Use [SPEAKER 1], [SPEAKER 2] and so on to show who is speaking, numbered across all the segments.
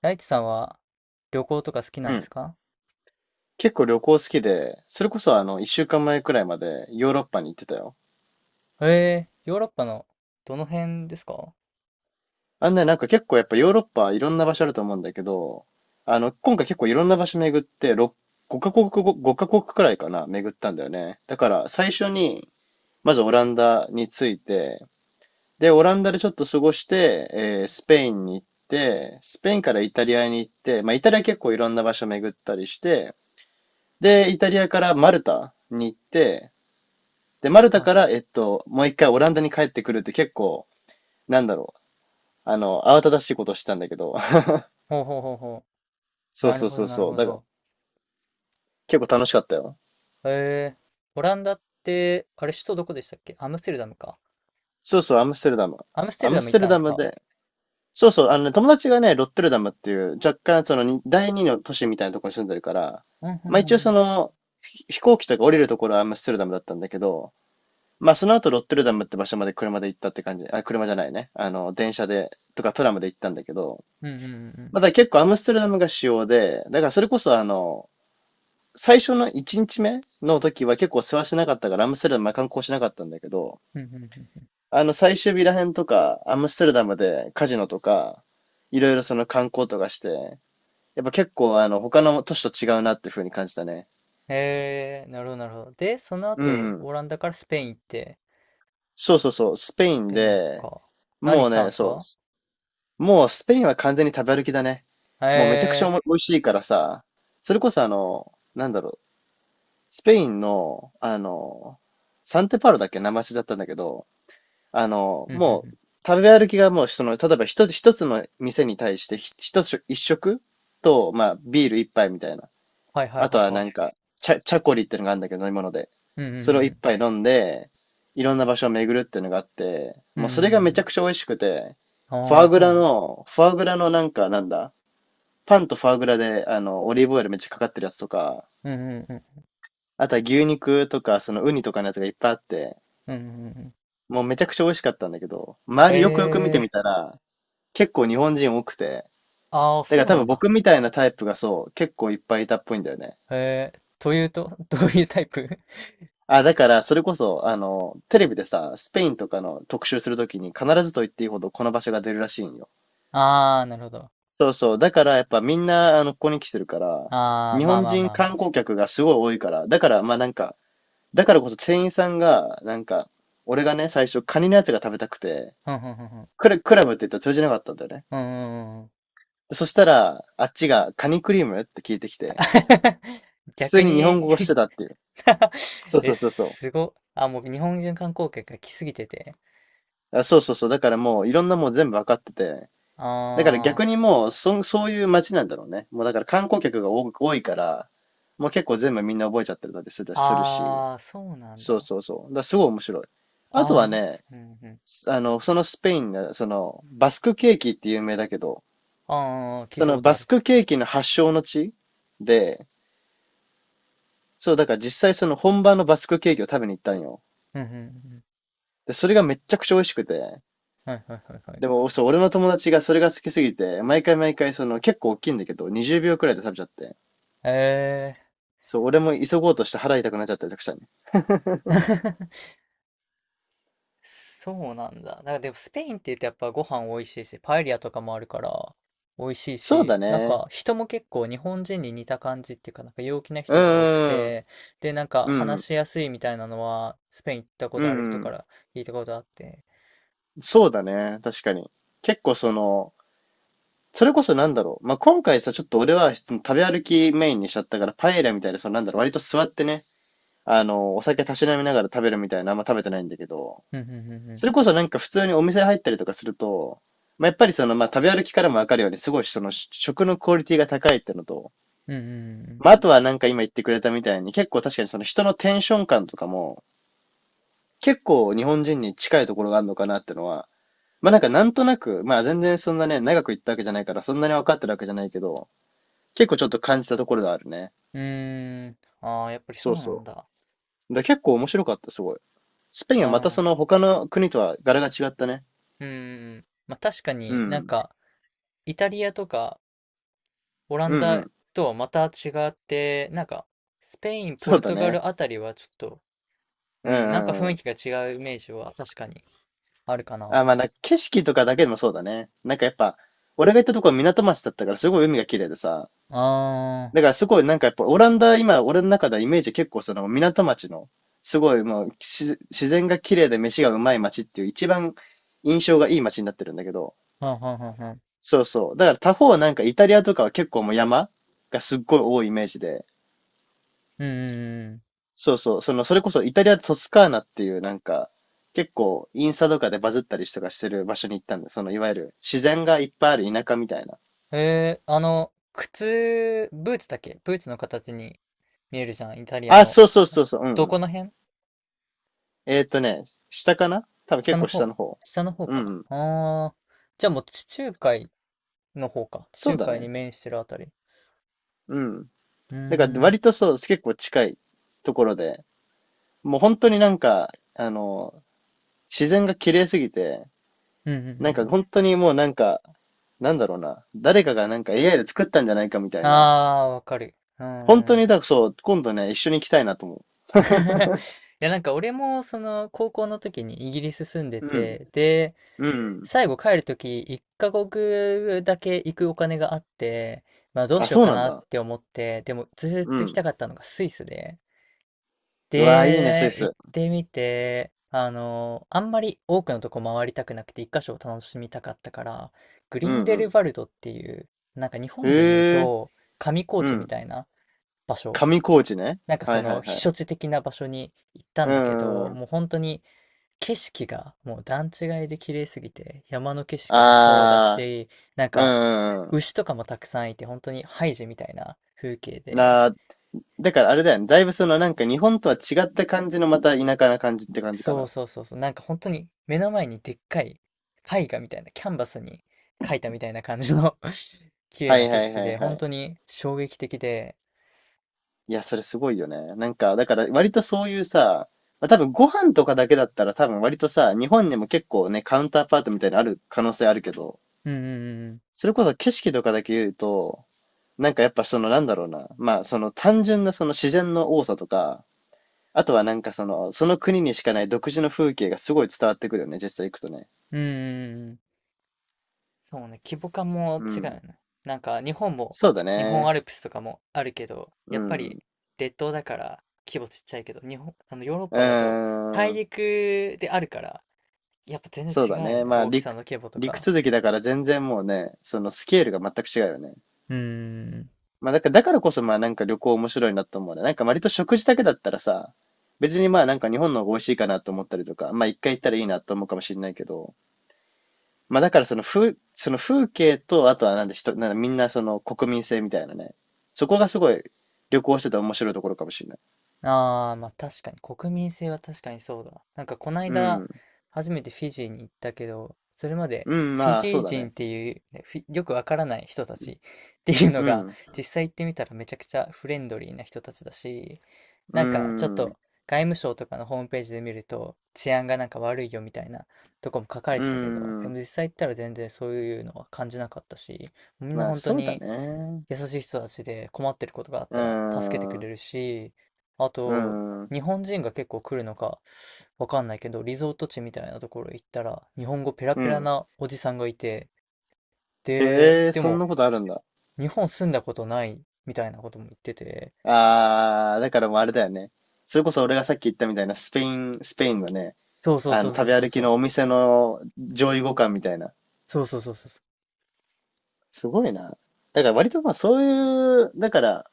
[SPEAKER 1] 大地さんは旅行とか好きな
[SPEAKER 2] う
[SPEAKER 1] んで
[SPEAKER 2] ん。
[SPEAKER 1] すか？
[SPEAKER 2] 結構旅行好きで、それこそ一週間前くらいまでヨーロッパに行ってたよ。
[SPEAKER 1] ええ、ヨーロッパのどの辺ですか？
[SPEAKER 2] あんね、なんか結構やっぱヨーロッパいろんな場所あると思うんだけど、今回結構いろんな場所巡って、6、5カ国くらいかな、巡ったんだよね。だから最初に、まずオランダに着いて、で、オランダでちょっと過ごして、スペインに行って、スペインからイタリアに行って、まあイタリア結構いろんな場所巡ったりして、で、イタリアからマルタに行って、で、マルタ
[SPEAKER 1] は
[SPEAKER 2] か
[SPEAKER 1] い。
[SPEAKER 2] ら、もう一回オランダに帰ってくるって結構、なんだろう。あの、慌ただしいことしたんだけど。
[SPEAKER 1] ほうほうほうほう。
[SPEAKER 2] そう
[SPEAKER 1] なる
[SPEAKER 2] そう
[SPEAKER 1] ほ
[SPEAKER 2] そ
[SPEAKER 1] ど、
[SPEAKER 2] う
[SPEAKER 1] なる
[SPEAKER 2] そう。
[SPEAKER 1] ほ
[SPEAKER 2] だから、
[SPEAKER 1] ど。
[SPEAKER 2] 結構楽しかったよ。
[SPEAKER 1] ええ、オランダって、あれ、首都どこでしたっけ？アムステルダムか。
[SPEAKER 2] そうそう、アムステルダム。
[SPEAKER 1] アムステ
[SPEAKER 2] ア
[SPEAKER 1] ルダ
[SPEAKER 2] ム
[SPEAKER 1] ム
[SPEAKER 2] ス
[SPEAKER 1] 行っ
[SPEAKER 2] テ
[SPEAKER 1] た
[SPEAKER 2] ル
[SPEAKER 1] んで
[SPEAKER 2] ダ
[SPEAKER 1] す
[SPEAKER 2] ム
[SPEAKER 1] か？
[SPEAKER 2] で、そうそう、あのね、友達がね、ロッテルダムっていう、若干、そのに、第二の都市みたいなところに住んでるから、
[SPEAKER 1] うんうん
[SPEAKER 2] まあ
[SPEAKER 1] う
[SPEAKER 2] 一応
[SPEAKER 1] んう
[SPEAKER 2] そ
[SPEAKER 1] ん。
[SPEAKER 2] の、飛行機とか降りるところはアムステルダムだったんだけど、まあその後ロッテルダムって場所まで車で行ったって感じ、あ、車じゃないね。あの、電車で、とかトラムで行ったんだけど、
[SPEAKER 1] うんうんうんうん。
[SPEAKER 2] まだ結構アムステルダムが主要で、だからそれこそあの、最初の1日目の時は結構世話しなかったからアムステルダムは観光しなかったんだけど、
[SPEAKER 1] うんうんうんうん。
[SPEAKER 2] あの最終日らへんとか、アムステルダムでカジノとか、いろいろその観光とかして、やっぱ結構あの他の都市と違うなっていう風に感じたね。
[SPEAKER 1] ええ、なるほど、なるほど。で、その
[SPEAKER 2] う
[SPEAKER 1] 後、
[SPEAKER 2] んうん。
[SPEAKER 1] オランダからスペイン行って、
[SPEAKER 2] そうそうそう、スペ
[SPEAKER 1] ス
[SPEAKER 2] イン
[SPEAKER 1] ペイン
[SPEAKER 2] で、
[SPEAKER 1] か。何
[SPEAKER 2] もう
[SPEAKER 1] したんで
[SPEAKER 2] ね、
[SPEAKER 1] す
[SPEAKER 2] そ
[SPEAKER 1] か？
[SPEAKER 2] う、もうスペインは完全に食べ歩きだね。もうめちゃくちゃ
[SPEAKER 1] ええ。
[SPEAKER 2] 美味しいからさ、それこそあの、なんだろう、スペインの、あの、サンテパウロだっけ生足だったんだけど、あの、
[SPEAKER 1] うんうんう
[SPEAKER 2] もう、
[SPEAKER 1] ん。
[SPEAKER 2] 食べ歩きがもう、その、例えば一つの店に対して、ひ一つ、一食と、まあ、ビール一杯みたいな。
[SPEAKER 1] はいはい
[SPEAKER 2] あと
[SPEAKER 1] は
[SPEAKER 2] は
[SPEAKER 1] い
[SPEAKER 2] な
[SPEAKER 1] は
[SPEAKER 2] んか、チャコリってのがあるんだけど、飲み物で。
[SPEAKER 1] い。うんうんう
[SPEAKER 2] それを
[SPEAKER 1] んう
[SPEAKER 2] 一
[SPEAKER 1] ん。
[SPEAKER 2] 杯飲んで、いろんな場所を巡るっていうのがあって、
[SPEAKER 1] うん
[SPEAKER 2] も
[SPEAKER 1] う
[SPEAKER 2] うそれがめ
[SPEAKER 1] ん
[SPEAKER 2] ちゃ
[SPEAKER 1] う
[SPEAKER 2] くちゃ美味しくて、
[SPEAKER 1] ん。ああ、そうなんだ。
[SPEAKER 2] フォアグラのなんか、なんだ、パンとフォアグラで、あの、オリーブオイルめっちゃかかってるやつとか、
[SPEAKER 1] うんうんうん
[SPEAKER 2] あとは牛肉とか、そのウニとかのやつがいっぱいあって、
[SPEAKER 1] うん。うんうん。
[SPEAKER 2] もうめちゃくちゃ美味しかったんだけど、周りよくよく見て
[SPEAKER 1] え
[SPEAKER 2] みたら、結構日本人多くて、
[SPEAKER 1] ー、ああ、
[SPEAKER 2] だから
[SPEAKER 1] そう
[SPEAKER 2] 多
[SPEAKER 1] な
[SPEAKER 2] 分
[SPEAKER 1] んだ。
[SPEAKER 2] 僕みたいなタイプがそう、結構いっぱいいたっぽいんだよね。
[SPEAKER 1] えー、というと、どういうタイプ？
[SPEAKER 2] あ、だからそれこそ、あの、テレビでさ、スペインとかの特集するときに必ずと言っていいほどこの場所が出るらしいんよ。
[SPEAKER 1] ああ、なるほど。
[SPEAKER 2] そうそう。だからやっぱみんな、あの、ここに来てるから、
[SPEAKER 1] ああ、
[SPEAKER 2] 日
[SPEAKER 1] まあ
[SPEAKER 2] 本
[SPEAKER 1] まあ
[SPEAKER 2] 人
[SPEAKER 1] まあま
[SPEAKER 2] 観
[SPEAKER 1] あ。
[SPEAKER 2] 光客がすごい多いから、だからまあなんか、だからこそ店員さんが、なんか、俺がね、最初カニのやつが食べたくて、
[SPEAKER 1] ふんふんふんふん。
[SPEAKER 2] クラブって言ったら通じなかったんだよね。
[SPEAKER 1] うんうんうん。
[SPEAKER 2] そしたら、あっちがカニクリームって聞いてきて、普通
[SPEAKER 1] 逆
[SPEAKER 2] に日本
[SPEAKER 1] に？
[SPEAKER 2] 語をしてたっていう。そう
[SPEAKER 1] え、
[SPEAKER 2] そうそうそ
[SPEAKER 1] すご。あ、もう日本人観光客が来すぎてて。
[SPEAKER 2] う。あ、そうそうそう。だからもういろんなもう全部わかってて。だから逆
[SPEAKER 1] あ
[SPEAKER 2] にもう、そういう街なんだろうね。もうだから観光客が多いから、もう結構全部みんな覚えちゃってたりするし。
[SPEAKER 1] あ、ああ、そうなん
[SPEAKER 2] そう
[SPEAKER 1] だ。
[SPEAKER 2] そうそう。だからすごい面白い。あと
[SPEAKER 1] ああ、
[SPEAKER 2] はね、
[SPEAKER 1] うんうん。
[SPEAKER 2] あの、そのスペインが、その、バスクケーキって有名だけど、
[SPEAKER 1] ああ、聞い
[SPEAKER 2] そ
[SPEAKER 1] たこ
[SPEAKER 2] の
[SPEAKER 1] とあ
[SPEAKER 2] バス
[SPEAKER 1] る。
[SPEAKER 2] クケーキの発祥の地で、そう、だから実際その本場のバスクケーキを食べに行ったんよ。
[SPEAKER 1] うんうんうんうん。
[SPEAKER 2] で、それがめちゃくちゃ美味しくて。
[SPEAKER 1] はいはいはいはい。
[SPEAKER 2] でも、そう、俺の友達がそれが好きすぎて、毎回毎回その結構大きいんだけど、20秒くらいで食べちゃって。
[SPEAKER 1] え
[SPEAKER 2] そう、俺も急ごうとして腹痛くなっちゃったりとかしたね。
[SPEAKER 1] え ー。そうなんだ。なんかでもスペインって言うとやっぱご飯美味しいし、パエリアとかもあるから美味しい
[SPEAKER 2] そうだ
[SPEAKER 1] し、なん
[SPEAKER 2] ね。
[SPEAKER 1] か人も結構日本人に似た感じっていうか、なんか陽気な
[SPEAKER 2] う
[SPEAKER 1] 人が多く
[SPEAKER 2] ーん。
[SPEAKER 1] て、で、なんか
[SPEAKER 2] う
[SPEAKER 1] 話
[SPEAKER 2] ん。
[SPEAKER 1] しやすいみたいなのはスペイン行ったこ
[SPEAKER 2] う
[SPEAKER 1] とある人か
[SPEAKER 2] ん。
[SPEAKER 1] ら聞いたことあって。
[SPEAKER 2] そうだね。確かに。結構その、それこそなんだろう。まあ、今回さ、ちょっと俺は食べ歩きメインにしちゃったから、パエリアみたいな、そのなんだろう、割と座ってね、あの、お酒たしなみながら食べるみたいな、あんま食べてないんだけど、
[SPEAKER 1] うんうんうんう
[SPEAKER 2] そ
[SPEAKER 1] ん。
[SPEAKER 2] れこそなんか普通にお店入ったりとかすると、まあ、やっぱりその、まあ、食べ歩きからもわかるように、すごいその食のクオリティが高いってのと、
[SPEAKER 1] うんうん
[SPEAKER 2] まあ、あとはなんか今言ってくれたみたいに、結構確かにその人のテンション感とかも、結構日本人に近いところがあるのかなってのは、まあなんかなんとなく、まあ全然そんなね、長く行ったわけじゃないから、そんなに分かってるわけじゃないけど、結構ちょっと感じたところがあるね。
[SPEAKER 1] うん。うーん。ああ、やっぱりそ
[SPEAKER 2] そ
[SPEAKER 1] う
[SPEAKER 2] う
[SPEAKER 1] なん
[SPEAKER 2] そ
[SPEAKER 1] だ。
[SPEAKER 2] う。だ結構面白かった、すごい。スペイン
[SPEAKER 1] う
[SPEAKER 2] はまた
[SPEAKER 1] ん。う
[SPEAKER 2] そ
[SPEAKER 1] ん
[SPEAKER 2] の他の国とは柄が違ったね。
[SPEAKER 1] うんうん。まあ確か
[SPEAKER 2] う
[SPEAKER 1] になん
[SPEAKER 2] ん。
[SPEAKER 1] かイタリアとかオラン
[SPEAKER 2] うんう
[SPEAKER 1] ダ
[SPEAKER 2] ん。
[SPEAKER 1] とはまた違って、なんか、スペイン、ポ
[SPEAKER 2] そう
[SPEAKER 1] ル
[SPEAKER 2] だ
[SPEAKER 1] トガ
[SPEAKER 2] ね。
[SPEAKER 1] ルあたりはちょっと、う
[SPEAKER 2] う
[SPEAKER 1] ん、なんか
[SPEAKER 2] んうん
[SPEAKER 1] 雰
[SPEAKER 2] う
[SPEAKER 1] 囲気
[SPEAKER 2] ん。
[SPEAKER 1] が違うイメージは確かにあるかな。
[SPEAKER 2] あ、まあ、なんか景色とかだけでもそうだね。なんかやっぱ、俺が行ったとこは港町だったからすごい海が綺麗でさ。
[SPEAKER 1] あ
[SPEAKER 2] だからすごいなんかやっぱオランダ、今俺の中ではイメージ結構その港町の、すごいもう自然が綺麗で飯がうまい町っていう一番印象がいい町になってるんだけど。
[SPEAKER 1] ー、はんはんはんはん。
[SPEAKER 2] そうそう。だから他方なんかイタリアとかは結構もう山がすっごい多いイメージで。
[SPEAKER 1] うんうんうん。
[SPEAKER 2] そうそう。その、それこそイタリアトスカーナっていうなんか、結構インスタとかでバズったりとかしてる場所に行ったんだ。そのいわゆる自然がいっぱいある田舎みたいな。
[SPEAKER 1] えー、靴、ブーツだっけ？ブーツの形に見えるじゃん、イタリア
[SPEAKER 2] あ、
[SPEAKER 1] の。
[SPEAKER 2] そうそうそうそう、うんう
[SPEAKER 1] どこ
[SPEAKER 2] ん。
[SPEAKER 1] の辺？
[SPEAKER 2] えーっとね、下かな多分
[SPEAKER 1] 下
[SPEAKER 2] 結
[SPEAKER 1] の
[SPEAKER 2] 構下
[SPEAKER 1] 方？
[SPEAKER 2] の方。
[SPEAKER 1] 下の方
[SPEAKER 2] うんう
[SPEAKER 1] か。
[SPEAKER 2] ん。
[SPEAKER 1] あー、じゃあもう地中海の方か。地
[SPEAKER 2] そう
[SPEAKER 1] 中
[SPEAKER 2] だ
[SPEAKER 1] 海に
[SPEAKER 2] ね。
[SPEAKER 1] 面してるあたり。
[SPEAKER 2] うん。
[SPEAKER 1] うーん、
[SPEAKER 2] だから
[SPEAKER 1] うん
[SPEAKER 2] 割とそう、結構近いところで、もう本当になんか、あの、自然が綺麗すぎて、
[SPEAKER 1] うんうんう
[SPEAKER 2] なんか
[SPEAKER 1] ん。
[SPEAKER 2] 本当にもうなんか、なんだろうな、誰かがなんか AI で作ったんじゃないかみたいな。
[SPEAKER 1] あー、わかる。う
[SPEAKER 2] 本
[SPEAKER 1] ん
[SPEAKER 2] 当
[SPEAKER 1] うん。
[SPEAKER 2] にだ、そう、今度ね、一緒に行きたいなと思う。
[SPEAKER 1] いや、なんか俺もその高校の時にイギリス住ん で
[SPEAKER 2] うん。
[SPEAKER 1] て、で、
[SPEAKER 2] うん。
[SPEAKER 1] 最後帰る時1カ国だけ行くお金があって、まあどう
[SPEAKER 2] あ、
[SPEAKER 1] しよう
[SPEAKER 2] そう
[SPEAKER 1] か
[SPEAKER 2] なん
[SPEAKER 1] なっ
[SPEAKER 2] だ。
[SPEAKER 1] て思って、でもずっ
[SPEAKER 2] う
[SPEAKER 1] と行きた
[SPEAKER 2] ん。
[SPEAKER 1] かったのがスイスで、
[SPEAKER 2] うわー、いいね、スイ
[SPEAKER 1] で、行っ
[SPEAKER 2] ス。
[SPEAKER 1] てみて、あんまり多くのとこ回りたくなくて1箇所を楽しみたかったから、グ
[SPEAKER 2] う
[SPEAKER 1] リン
[SPEAKER 2] ん
[SPEAKER 1] デ
[SPEAKER 2] う
[SPEAKER 1] ル
[SPEAKER 2] ん。
[SPEAKER 1] バルドっていう、なんか日
[SPEAKER 2] へ
[SPEAKER 1] 本で言う
[SPEAKER 2] え。
[SPEAKER 1] と上高
[SPEAKER 2] う
[SPEAKER 1] 地み
[SPEAKER 2] ん。
[SPEAKER 1] たいな場所。
[SPEAKER 2] 上工事ね。
[SPEAKER 1] なんかそ
[SPEAKER 2] はいは
[SPEAKER 1] の
[SPEAKER 2] い
[SPEAKER 1] 避
[SPEAKER 2] はい。
[SPEAKER 1] 暑地的な場所に行ったん
[SPEAKER 2] う
[SPEAKER 1] だけ
[SPEAKER 2] んう
[SPEAKER 1] ど、
[SPEAKER 2] んうん。
[SPEAKER 1] もう本当に景色がもう段違いで綺麗すぎて、山の景色もそうだ
[SPEAKER 2] ああ、
[SPEAKER 1] し、なん
[SPEAKER 2] う
[SPEAKER 1] か
[SPEAKER 2] んうんう
[SPEAKER 1] 牛とかもたくさんいて、本当にハイジみたいな風景
[SPEAKER 2] ん。
[SPEAKER 1] で、
[SPEAKER 2] なあ、だからあれだよね。だいぶそのなんか日本とは違った感じのまた田舎な感じって感じか
[SPEAKER 1] そう
[SPEAKER 2] な。
[SPEAKER 1] そうそうそう、なんか本当に目の前にでっかい絵画みたいな、キャンバスに描いたみたいな感じの 綺麗
[SPEAKER 2] は
[SPEAKER 1] な
[SPEAKER 2] い
[SPEAKER 1] 景
[SPEAKER 2] はい
[SPEAKER 1] 色
[SPEAKER 2] はい
[SPEAKER 1] で、
[SPEAKER 2] は
[SPEAKER 1] 本
[SPEAKER 2] い。
[SPEAKER 1] 当に衝撃的で、
[SPEAKER 2] いや、それすごいよね。なんか、だから割とそういうさ、まあ、多分ご飯とかだけだったら多分割とさ、日本にも結構ね、カウンターパートみたいなのある可能性あるけど、
[SPEAKER 1] うんうん
[SPEAKER 2] それこそ景色とかだけ言うと、やっぱそのなんだろうな、まあその単純なその自然の多さとか、あとはその国にしかない独自の風景がすごい伝わってくるよね、実際行くとね。
[SPEAKER 1] うんうん、うんうんうんうん。そうね、規模感も
[SPEAKER 2] う
[SPEAKER 1] 違う
[SPEAKER 2] ん。
[SPEAKER 1] よね。なんか日本も、
[SPEAKER 2] そうだ
[SPEAKER 1] 日本
[SPEAKER 2] ね。
[SPEAKER 1] アルプスとかもあるけど、
[SPEAKER 2] う
[SPEAKER 1] やっぱ
[SPEAKER 2] ん。
[SPEAKER 1] り
[SPEAKER 2] う
[SPEAKER 1] 列島だから規模ちっちゃいけど、日本、あのヨーロッパだと
[SPEAKER 2] ー
[SPEAKER 1] 大
[SPEAKER 2] ん。
[SPEAKER 1] 陸であるから、やっぱ全然
[SPEAKER 2] そうだ
[SPEAKER 1] 違うよ
[SPEAKER 2] ね。
[SPEAKER 1] ね、
[SPEAKER 2] まあ、
[SPEAKER 1] 大きさの規模と
[SPEAKER 2] 陸
[SPEAKER 1] か。
[SPEAKER 2] 続きだから全然もうね、そのスケールが全く違うよね。
[SPEAKER 1] うーん。
[SPEAKER 2] まあ、だからこそまあなんか旅行面白いなと思うね。なんか割と食事だけだったらさ、別にまあなんか日本の方が美味しいかなと思ったりとか、まあ一回行ったらいいなと思うかもしれないけど、まあだからそのその風景と、あとはなんで人、なんだみんなその国民性みたいなね。そこがすごい旅行してて面白いところかもしれない。
[SPEAKER 1] ああ、まあ確かに、国民性は確かにそうだ。なんかこない
[SPEAKER 2] う
[SPEAKER 1] だ、
[SPEAKER 2] ん。
[SPEAKER 1] 初めてフィジーに行ったけど、それまで
[SPEAKER 2] うん、
[SPEAKER 1] フィ
[SPEAKER 2] まあ
[SPEAKER 1] ジ
[SPEAKER 2] そ
[SPEAKER 1] ー
[SPEAKER 2] うだ
[SPEAKER 1] 人
[SPEAKER 2] ね。
[SPEAKER 1] っていう、ね、よくわからない人たち っていうの
[SPEAKER 2] う
[SPEAKER 1] が、
[SPEAKER 2] ん。
[SPEAKER 1] 実際行ってみたらめちゃくちゃフレンドリーな人たちだし、
[SPEAKER 2] う
[SPEAKER 1] なんかちょっ
[SPEAKER 2] ん。
[SPEAKER 1] と外務省とかのホームページで見ると、治安がなんか悪いよみたいなとこも書かれ
[SPEAKER 2] う
[SPEAKER 1] てたけど、でも
[SPEAKER 2] ん。
[SPEAKER 1] 実際行ったら全然そういうのは感じなかったし、みんな
[SPEAKER 2] まあ
[SPEAKER 1] 本当
[SPEAKER 2] そうだ
[SPEAKER 1] に
[SPEAKER 2] ね。
[SPEAKER 1] 優しい人たちで困ってることがあっ
[SPEAKER 2] う
[SPEAKER 1] たら助けてく
[SPEAKER 2] ん。
[SPEAKER 1] れ
[SPEAKER 2] う
[SPEAKER 1] るし、あと、
[SPEAKER 2] ん。
[SPEAKER 1] 日本人が結構来るのかわかんないけど、リゾート地みたいなところ行ったら、日本語ペラ
[SPEAKER 2] う
[SPEAKER 1] ペラ
[SPEAKER 2] ん。
[SPEAKER 1] なおじさんがいて、で、
[SPEAKER 2] へえ、
[SPEAKER 1] で
[SPEAKER 2] そん
[SPEAKER 1] も、
[SPEAKER 2] なことあるんだ。
[SPEAKER 1] 日本住んだことないみたいなことも言ってて、
[SPEAKER 2] ああ、だからもうあれだよね。それこそ俺がさっき言ったみたいなスペインのね、
[SPEAKER 1] そうそう
[SPEAKER 2] あ
[SPEAKER 1] そう
[SPEAKER 2] の
[SPEAKER 1] そ
[SPEAKER 2] 食
[SPEAKER 1] う
[SPEAKER 2] べ
[SPEAKER 1] そう
[SPEAKER 2] 歩
[SPEAKER 1] そ
[SPEAKER 2] き
[SPEAKER 1] う、
[SPEAKER 2] のお店の上位互換みたいな。
[SPEAKER 1] そうそうそうそう。
[SPEAKER 2] すごいな。だから割とまあそういう、だから、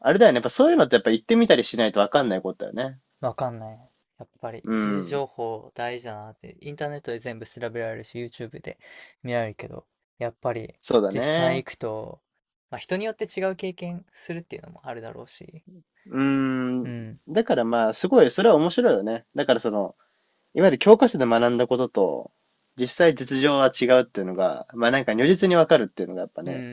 [SPEAKER 2] あれだよね。やっぱそういうのってやっぱ行ってみたりしないとわかんないことだよね。
[SPEAKER 1] わかんない。やっぱり
[SPEAKER 2] う
[SPEAKER 1] 一時
[SPEAKER 2] ん。
[SPEAKER 1] 情報大事だなって、インターネットで全部調べられるし、YouTube で見られるけど、やっぱり
[SPEAKER 2] そうだ
[SPEAKER 1] 実際
[SPEAKER 2] ね。
[SPEAKER 1] 行くと、まあ、人によって違う経験するっていうのもあるだろうし、
[SPEAKER 2] う
[SPEAKER 1] う
[SPEAKER 2] ん。
[SPEAKER 1] ん、
[SPEAKER 2] だからまあ、すごい、それは面白いよね。だからその、いわゆる教科書で学んだことと、実際実情は違うっていうのが、まあなんか如実にわかるっていうのがやっぱ
[SPEAKER 1] うー
[SPEAKER 2] ね、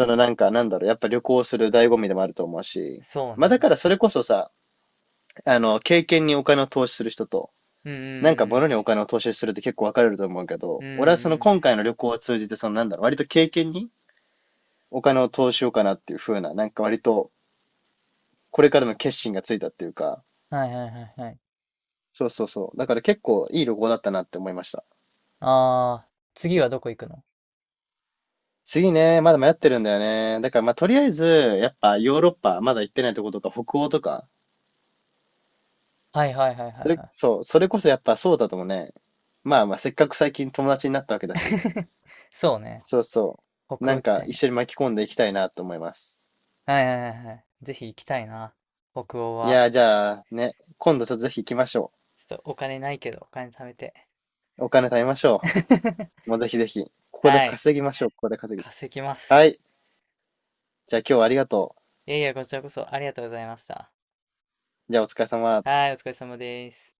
[SPEAKER 1] ん、
[SPEAKER 2] のなんかなんだろう、やっぱ旅行する醍醐味でもあると思うし、
[SPEAKER 1] そう
[SPEAKER 2] まあだか
[SPEAKER 1] ね。
[SPEAKER 2] らそれこそさ、あの、経験にお金を投資する人と、
[SPEAKER 1] うん、
[SPEAKER 2] なんか
[SPEAKER 1] うん、
[SPEAKER 2] 物にお金を投資するって結構分かれると思うけ
[SPEAKER 1] う
[SPEAKER 2] ど、
[SPEAKER 1] んうん、う
[SPEAKER 2] 俺はその
[SPEAKER 1] んうん、
[SPEAKER 2] 今回の旅行を通じて、そのなんだろう、割と経験にお金を投資しようかなっていう風な、なんか割とこれからの決心がついたっていうか、
[SPEAKER 1] はいはいはいはい。
[SPEAKER 2] そうそうそう。だから結構いい旅行だったなって思いました。
[SPEAKER 1] あー、次はどこ行くの？
[SPEAKER 2] 次ね、まだ迷ってるんだよね。だからまあとりあえず、やっぱヨーロッパ、まだ行ってないとことか北欧とか、
[SPEAKER 1] はいはいはいはいは
[SPEAKER 2] それこそやっぱそうだともね、まあまあせっかく最近友達になったわけ
[SPEAKER 1] い。
[SPEAKER 2] だし、
[SPEAKER 1] そうね。
[SPEAKER 2] そうそう。
[SPEAKER 1] 北欧
[SPEAKER 2] なん
[SPEAKER 1] 行き
[SPEAKER 2] か
[SPEAKER 1] たい
[SPEAKER 2] 一緒
[SPEAKER 1] ね。
[SPEAKER 2] に巻き込んでいきたいなと思います。
[SPEAKER 1] はいはいはいはい。ぜひ行きたいな。北欧
[SPEAKER 2] い
[SPEAKER 1] は。
[SPEAKER 2] やー、じゃあね、今度ちょっとぜひ行きましょ
[SPEAKER 1] ちょっとお金ないけど、お金貯めて。
[SPEAKER 2] う。お金貯めましょう。もう ぜひぜひ。ここで
[SPEAKER 1] はい。
[SPEAKER 2] 稼ぎましょう。ここで稼ぎ。
[SPEAKER 1] 稼ぎま
[SPEAKER 2] は
[SPEAKER 1] す。
[SPEAKER 2] い。じゃあ今日はありがと
[SPEAKER 1] いやいや、こちらこそありがとうございました。
[SPEAKER 2] う。じゃあお疲れ様。
[SPEAKER 1] はい、お疲れ様です。